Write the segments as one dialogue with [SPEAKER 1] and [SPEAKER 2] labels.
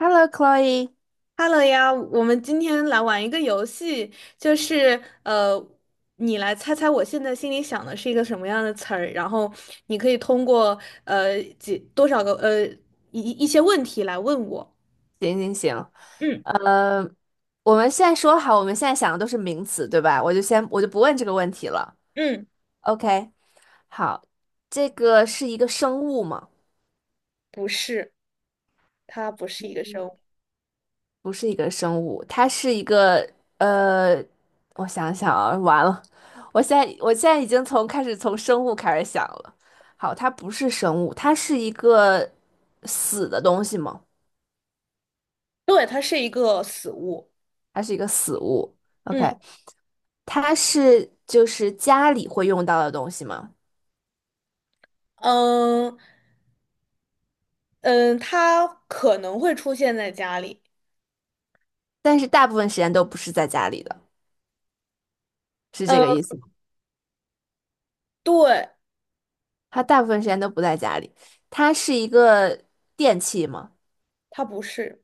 [SPEAKER 1] Hello, Chloe。
[SPEAKER 2] Hello 呀，我们今天来玩一个游戏，就是呃，你来猜猜我现在心里想的是一个什么样的词儿，然后你可以通过呃几多少个呃一些问题来问我。
[SPEAKER 1] 行行行，
[SPEAKER 2] 嗯。
[SPEAKER 1] 我们现在说好，我们现在想的都是名词，对吧？我就不问这个问题了。
[SPEAKER 2] 嗯，
[SPEAKER 1] OK，好，这个是一个生物吗？
[SPEAKER 2] 不是，它不是一个生物。
[SPEAKER 1] 不是一个生物，它是一个呃，我想想啊，完了，我现在已经从开始从生物开始想了。好，它不是生物，它是一个死的东西吗？
[SPEAKER 2] 对，它是一个死物。
[SPEAKER 1] 它是一个死物。OK，
[SPEAKER 2] 嗯。
[SPEAKER 1] 它是就是家里会用到的东西吗？
[SPEAKER 2] 嗯嗯，它可能会出现在家里。
[SPEAKER 1] 但是大部分时间都不是在家里的，是这
[SPEAKER 2] 嗯，
[SPEAKER 1] 个意思吗？
[SPEAKER 2] 对。
[SPEAKER 1] 它大部分时间都不在家里，它是一个电器吗？
[SPEAKER 2] 它不是，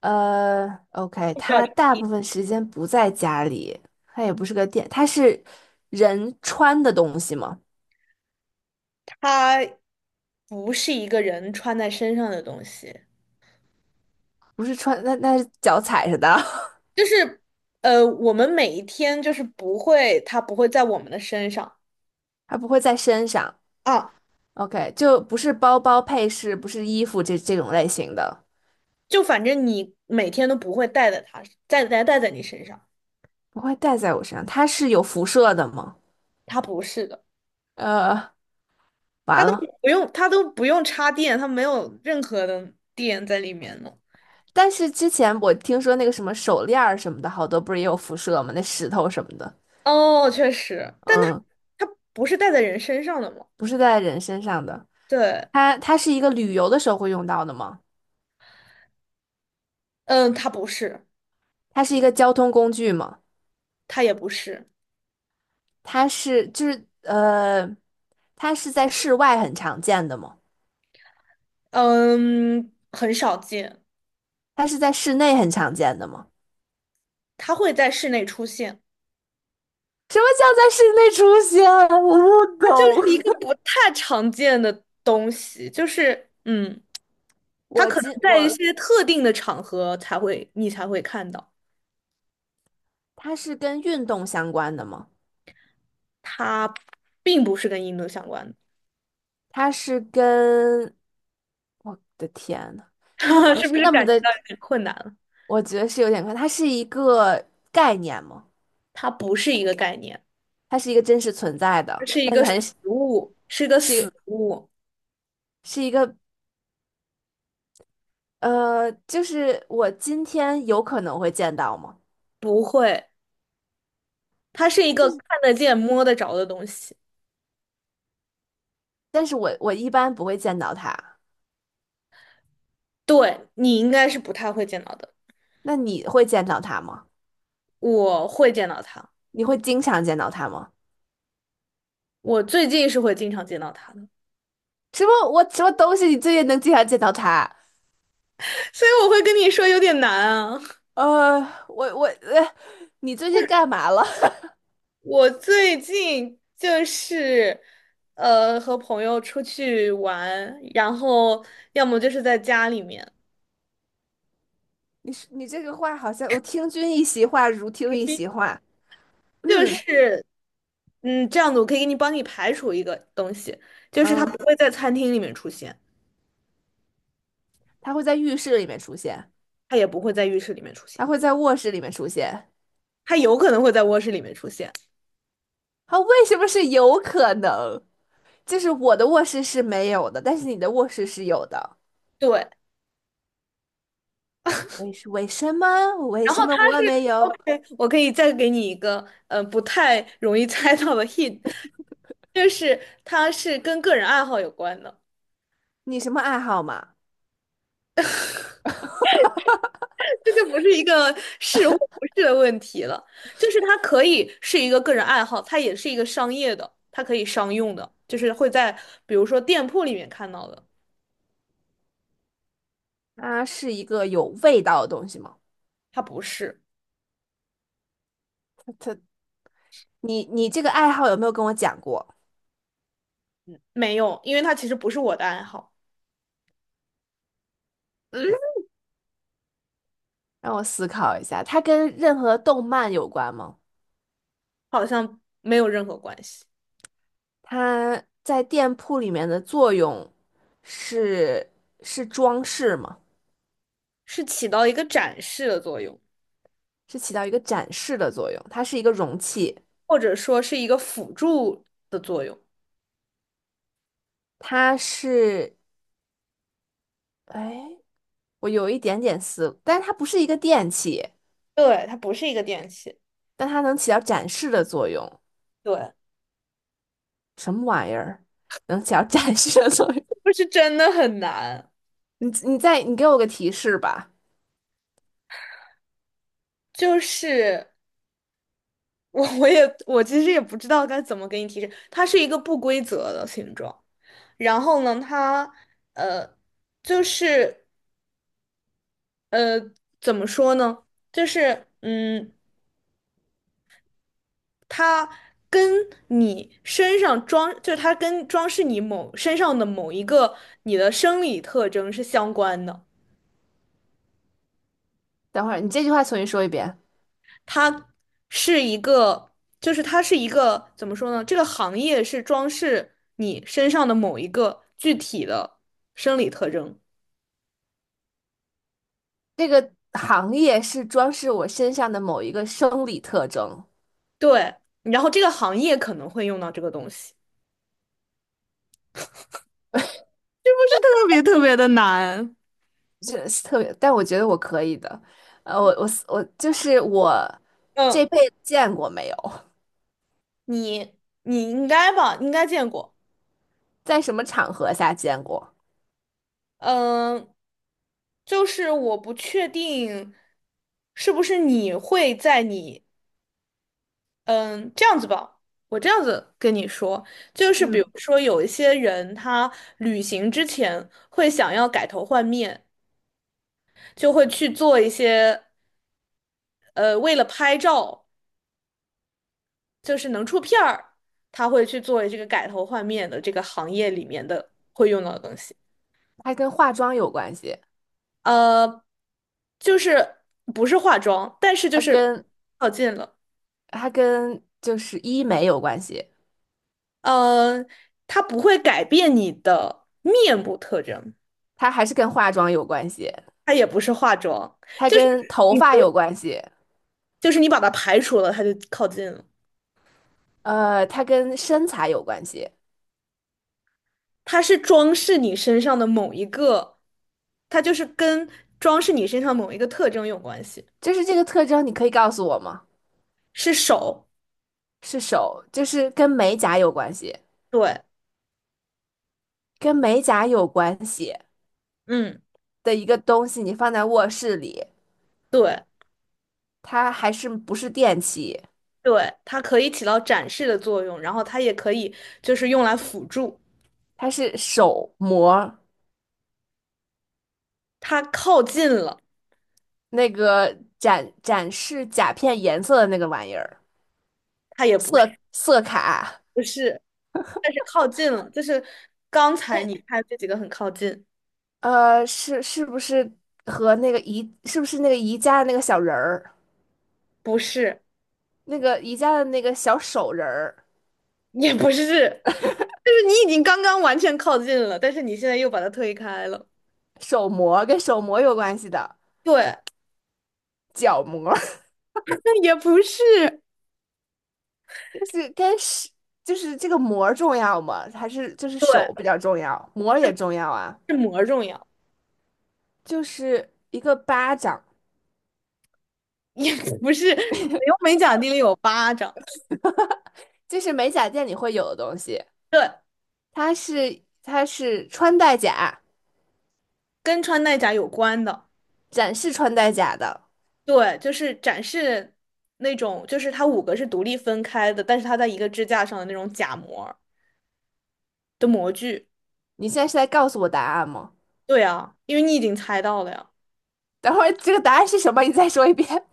[SPEAKER 1] OK，
[SPEAKER 2] 不知
[SPEAKER 1] 它
[SPEAKER 2] 道。
[SPEAKER 1] 大部分时间不在家里，它也不是个电，它是人穿的东西吗？
[SPEAKER 2] 它不是一个人穿在身上的东西。
[SPEAKER 1] 不是穿，那是脚踩着的，
[SPEAKER 2] 就是我们每一天就是不会，它不会在我们的身上。
[SPEAKER 1] 它不会在身上。
[SPEAKER 2] 啊，
[SPEAKER 1] OK，就不是包包配饰，不是衣服这种类型的，
[SPEAKER 2] 就反正你每天都不会带在它，带在你身上。
[SPEAKER 1] 不会戴在我身上。它是有辐射的吗？
[SPEAKER 2] 它不是的，
[SPEAKER 1] 呃，
[SPEAKER 2] 它
[SPEAKER 1] 完
[SPEAKER 2] 都
[SPEAKER 1] 了。
[SPEAKER 2] 不用，它都不用插电，它没有任何的电在里面呢。
[SPEAKER 1] 但是之前我听说那个什么手链儿什么的，好多不是也有辐射吗？那石头什么的，
[SPEAKER 2] 哦，确实，但它
[SPEAKER 1] 嗯，
[SPEAKER 2] 它不是带在人身上的嘛？
[SPEAKER 1] 不是在人身上的。
[SPEAKER 2] 对。
[SPEAKER 1] 它是一个旅游的时候会用到的吗？
[SPEAKER 2] 嗯，它不是。
[SPEAKER 1] 它是一个交通工具吗？
[SPEAKER 2] 它也不是。
[SPEAKER 1] 它是就是它是在室外很常见的吗？
[SPEAKER 2] 嗯，很少见。
[SPEAKER 1] 它是在室内很常见的吗？
[SPEAKER 2] 它会在室内出现。
[SPEAKER 1] 什么叫在室内出现啊？我不
[SPEAKER 2] 它就是一个
[SPEAKER 1] 懂。
[SPEAKER 2] 不太常见的东西，它
[SPEAKER 1] 我
[SPEAKER 2] 可能
[SPEAKER 1] 今
[SPEAKER 2] 在一
[SPEAKER 1] 我
[SPEAKER 2] 些特定的场合才会你才会看到。
[SPEAKER 1] 它是跟运动相关的吗？
[SPEAKER 2] 它并不是跟印度相关的。
[SPEAKER 1] 它是跟我的天呐，它 不
[SPEAKER 2] 是不
[SPEAKER 1] 是
[SPEAKER 2] 是
[SPEAKER 1] 那么
[SPEAKER 2] 感觉
[SPEAKER 1] 的，
[SPEAKER 2] 到有点困难了？
[SPEAKER 1] 我觉得是有点快，它是一个概念嘛，
[SPEAKER 2] 它不是一个概念。
[SPEAKER 1] 它是一个真实存在
[SPEAKER 2] 这
[SPEAKER 1] 的，
[SPEAKER 2] 是一
[SPEAKER 1] 但
[SPEAKER 2] 个
[SPEAKER 1] 是
[SPEAKER 2] 实
[SPEAKER 1] 还是
[SPEAKER 2] 物，是一个
[SPEAKER 1] 这个
[SPEAKER 2] 死物。
[SPEAKER 1] 是一个就是我今天有可能会见到吗？
[SPEAKER 2] 不会，它是一
[SPEAKER 1] 但是，
[SPEAKER 2] 个看得见、摸得着的东西。
[SPEAKER 1] 但是我一般不会见到他。
[SPEAKER 2] 对，你应该是不太会见到的。
[SPEAKER 1] 那你会见到他吗？
[SPEAKER 2] 我会见到它。
[SPEAKER 1] 你会经常见到他吗？
[SPEAKER 2] 我最近是会经常见到它的，
[SPEAKER 1] 什么东西你最近能经常见到他？
[SPEAKER 2] 所以我会跟你说有点难啊。
[SPEAKER 1] 呃，我我呃，你最近干嘛了？
[SPEAKER 2] 我最近就是和朋友出去玩，然后要么就是在家里面。
[SPEAKER 1] 你这个话好像我听君一席话，如听一席话。
[SPEAKER 2] 就
[SPEAKER 1] 嗯
[SPEAKER 2] 是这样子，我可以给你帮你排除一个东西，就是它不
[SPEAKER 1] 嗯，
[SPEAKER 2] 会在餐厅里面出现，
[SPEAKER 1] 它会在浴室里面出现。
[SPEAKER 2] 它也不会在浴室里面出现，
[SPEAKER 1] 它会在卧室里面出现。
[SPEAKER 2] 它有可能会在卧室里面出现。
[SPEAKER 1] 它为什么是有可能？就是我的卧室是没有的，但是你的卧室是有的。
[SPEAKER 2] 对，
[SPEAKER 1] 为什么？为
[SPEAKER 2] 然后
[SPEAKER 1] 什么
[SPEAKER 2] 它
[SPEAKER 1] 我没
[SPEAKER 2] 是
[SPEAKER 1] 有？
[SPEAKER 2] OK,我可以再给你一个不太容易猜到的 hint,就是它是跟个人爱好有关的。
[SPEAKER 1] 你什么爱好嘛？
[SPEAKER 2] 这就不是一个是或不是的问题了，就是它可以是一个个人爱好，它也是一个商业的，它可以商用的，就是会在比如说店铺里面看到的。
[SPEAKER 1] 它是一个有味道的东西吗？
[SPEAKER 2] 它不是。
[SPEAKER 1] 它，你这个爱好有没有跟我讲过？
[SPEAKER 2] 没有，因为它其实不是我的爱好。
[SPEAKER 1] 嗯，让我思考一下，它跟任何动漫有关吗？
[SPEAKER 2] 好像没有任何关系。
[SPEAKER 1] 它在店铺里面的作用是是装饰吗？
[SPEAKER 2] 是起到一个展示的作用，
[SPEAKER 1] 是起到一个展示的作用，它是一个容器。
[SPEAKER 2] 或者说是一个辅助的作用。
[SPEAKER 1] 它是，哎，我有一点点思，但是它不是一个电器，
[SPEAKER 2] 对，它不是一个电器。
[SPEAKER 1] 但它能起到展示的作用。
[SPEAKER 2] 对，
[SPEAKER 1] 什么玩意儿能起到展示的作用？
[SPEAKER 2] 不是真的很难。
[SPEAKER 1] 你给我个提示吧。
[SPEAKER 2] 就是。我我也我其实也不知道该怎么给你提示，它是一个不规则的形状。然后呢，它呃，就是怎么说呢？就是嗯，它跟你身上装，就是它跟装饰你某身上的某一个你的生理特征是相关的。
[SPEAKER 1] 等会儿你这句话重新说一遍。
[SPEAKER 2] 它是一个，就是它是一个怎么说呢？这个行业是装饰你身上的某一个具体的生理特征。
[SPEAKER 1] 这个行业是装饰我身上的某一个生理特征，
[SPEAKER 2] 对，然后这个行业可能会用到这个东西。是特别特别的难。
[SPEAKER 1] 这是特别，但我觉得我可以的。呃，我我我就是我
[SPEAKER 2] 嗯，
[SPEAKER 1] 这辈子见过没有，
[SPEAKER 2] 你你应该吧，应该见过。
[SPEAKER 1] 在什么场合下见过？
[SPEAKER 2] 嗯，就是我不确定是不是你会在你嗯这样子吧，我这样子跟你说，就是比如
[SPEAKER 1] 嗯，
[SPEAKER 2] 说有一些人他旅行之前会想要改头换面，就会去做一些为了拍照。就是能出片儿，他会去作为这个改头换面的这个行业里面的会用到的东西。
[SPEAKER 1] 还跟化妆有关系。
[SPEAKER 2] 呃，就是不是化妆，但是就
[SPEAKER 1] 它
[SPEAKER 2] 是
[SPEAKER 1] 跟
[SPEAKER 2] 靠近了。
[SPEAKER 1] 它跟就是医美有关系，
[SPEAKER 2] 呃，它不会改变你的面部特征。
[SPEAKER 1] 它还是跟化妆有关系，
[SPEAKER 2] 它也不是化妆，
[SPEAKER 1] 它
[SPEAKER 2] 就是
[SPEAKER 1] 跟头
[SPEAKER 2] 你
[SPEAKER 1] 发有关系，
[SPEAKER 2] 就是你把它排除了，它就靠近了。
[SPEAKER 1] 呃，它跟身材有关系。
[SPEAKER 2] 它是装饰你身上的某一个，它就是跟装饰你身上某一个特征有关系。
[SPEAKER 1] 就是这个特征，你可以告诉我吗？
[SPEAKER 2] 是手。
[SPEAKER 1] 是手，就是跟美甲有关系，
[SPEAKER 2] 对。
[SPEAKER 1] 跟美甲有关系
[SPEAKER 2] 嗯，
[SPEAKER 1] 的一个东西，你放在卧室里，
[SPEAKER 2] 对。
[SPEAKER 1] 它还是不是电器？
[SPEAKER 2] 对，它可以起到展示的作用，然后它也可以就是用来辅助。
[SPEAKER 1] 它是手膜，
[SPEAKER 2] 它靠近了。
[SPEAKER 1] 那个展示甲片颜色的那个玩意儿，
[SPEAKER 2] 它也不
[SPEAKER 1] 色
[SPEAKER 2] 是。
[SPEAKER 1] 色卡。
[SPEAKER 2] 不是，但是靠近了，就是刚才你看这几个很靠近。
[SPEAKER 1] 呃，是不是和那个宜是不是那个宜家的那个小人儿，
[SPEAKER 2] 不是，
[SPEAKER 1] 那个宜家的那个小手人儿，
[SPEAKER 2] 也不是，就是你已经刚刚完全靠近了，但是你现在又把它推开了。
[SPEAKER 1] 手模跟手模有关系的，
[SPEAKER 2] 对，
[SPEAKER 1] 脚模
[SPEAKER 2] 那也不是。
[SPEAKER 1] 就是跟是就是这个模儿重要吗？还是就是
[SPEAKER 2] 对，
[SPEAKER 1] 手比较重要，模儿也重要啊？
[SPEAKER 2] 是膜重要。
[SPEAKER 1] 就是一个巴掌，
[SPEAKER 2] 也不是，北欧美甲店里有巴掌。
[SPEAKER 1] 就是美甲店里会有的东西，
[SPEAKER 2] 对，
[SPEAKER 1] 它是穿戴甲，
[SPEAKER 2] 跟穿戴甲有关的。
[SPEAKER 1] 展示穿戴甲的。
[SPEAKER 2] 对，就是展示那种，就是它五个是独立分开的，但是它在一个支架上的那种假模儿的模具。
[SPEAKER 1] 你现在是在告诉我答案吗？
[SPEAKER 2] 对啊，因为你已经猜到了呀。
[SPEAKER 1] 等会儿这个答案是什么？你再说一遍。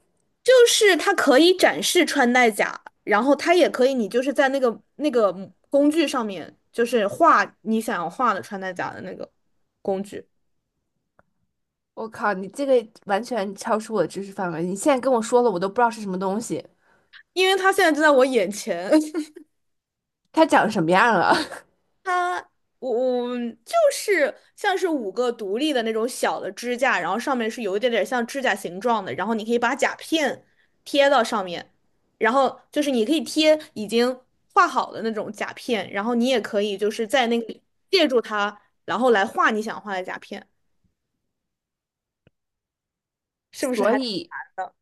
[SPEAKER 2] 就是它可以展示穿戴甲，然后它也可以，你就是在那个工具上面，就是画你想要画的穿戴甲的那个工具。
[SPEAKER 1] 我靠，你这个完全超出我的知识范围。你现在跟我说了，我都不知道是什么东西，
[SPEAKER 2] 因为它现在就在我眼前。
[SPEAKER 1] 它长什么样了。
[SPEAKER 2] 它，我就是像是五个独立的那种小的支架，然后上面是有一点点像指甲形状的，然后你可以把甲片贴到上面，然后就是你可以贴已经画好的那种甲片，然后你也可以就是在那个借助它，然后来画你想画的甲片，是不是
[SPEAKER 1] 所
[SPEAKER 2] 还挺
[SPEAKER 1] 以，
[SPEAKER 2] 难的？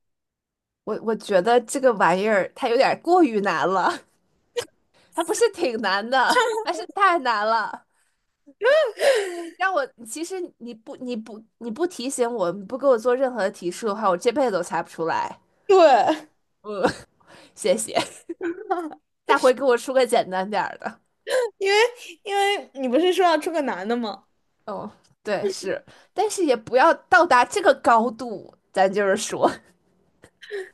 [SPEAKER 1] 我觉得这个玩意儿它有点过于难了，它不是挺难的，它是太难了。让我，其实你不提醒我，你不给我做任何的提示的话，我这辈子都猜不出来。
[SPEAKER 2] 对。
[SPEAKER 1] 嗯，谢谢，下回给我出个简单点儿的。
[SPEAKER 2] 因为因为你不是说要出个男的吗？
[SPEAKER 1] 哦，对，是，但是也不要到达这个高度，咱就是说，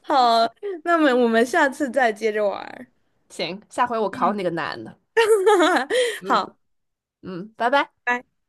[SPEAKER 2] 好，那么我们下次再接着玩儿。
[SPEAKER 1] 行，下回我考你个难的。嗯
[SPEAKER 2] 好。
[SPEAKER 1] 嗯，拜拜。
[SPEAKER 2] 拜。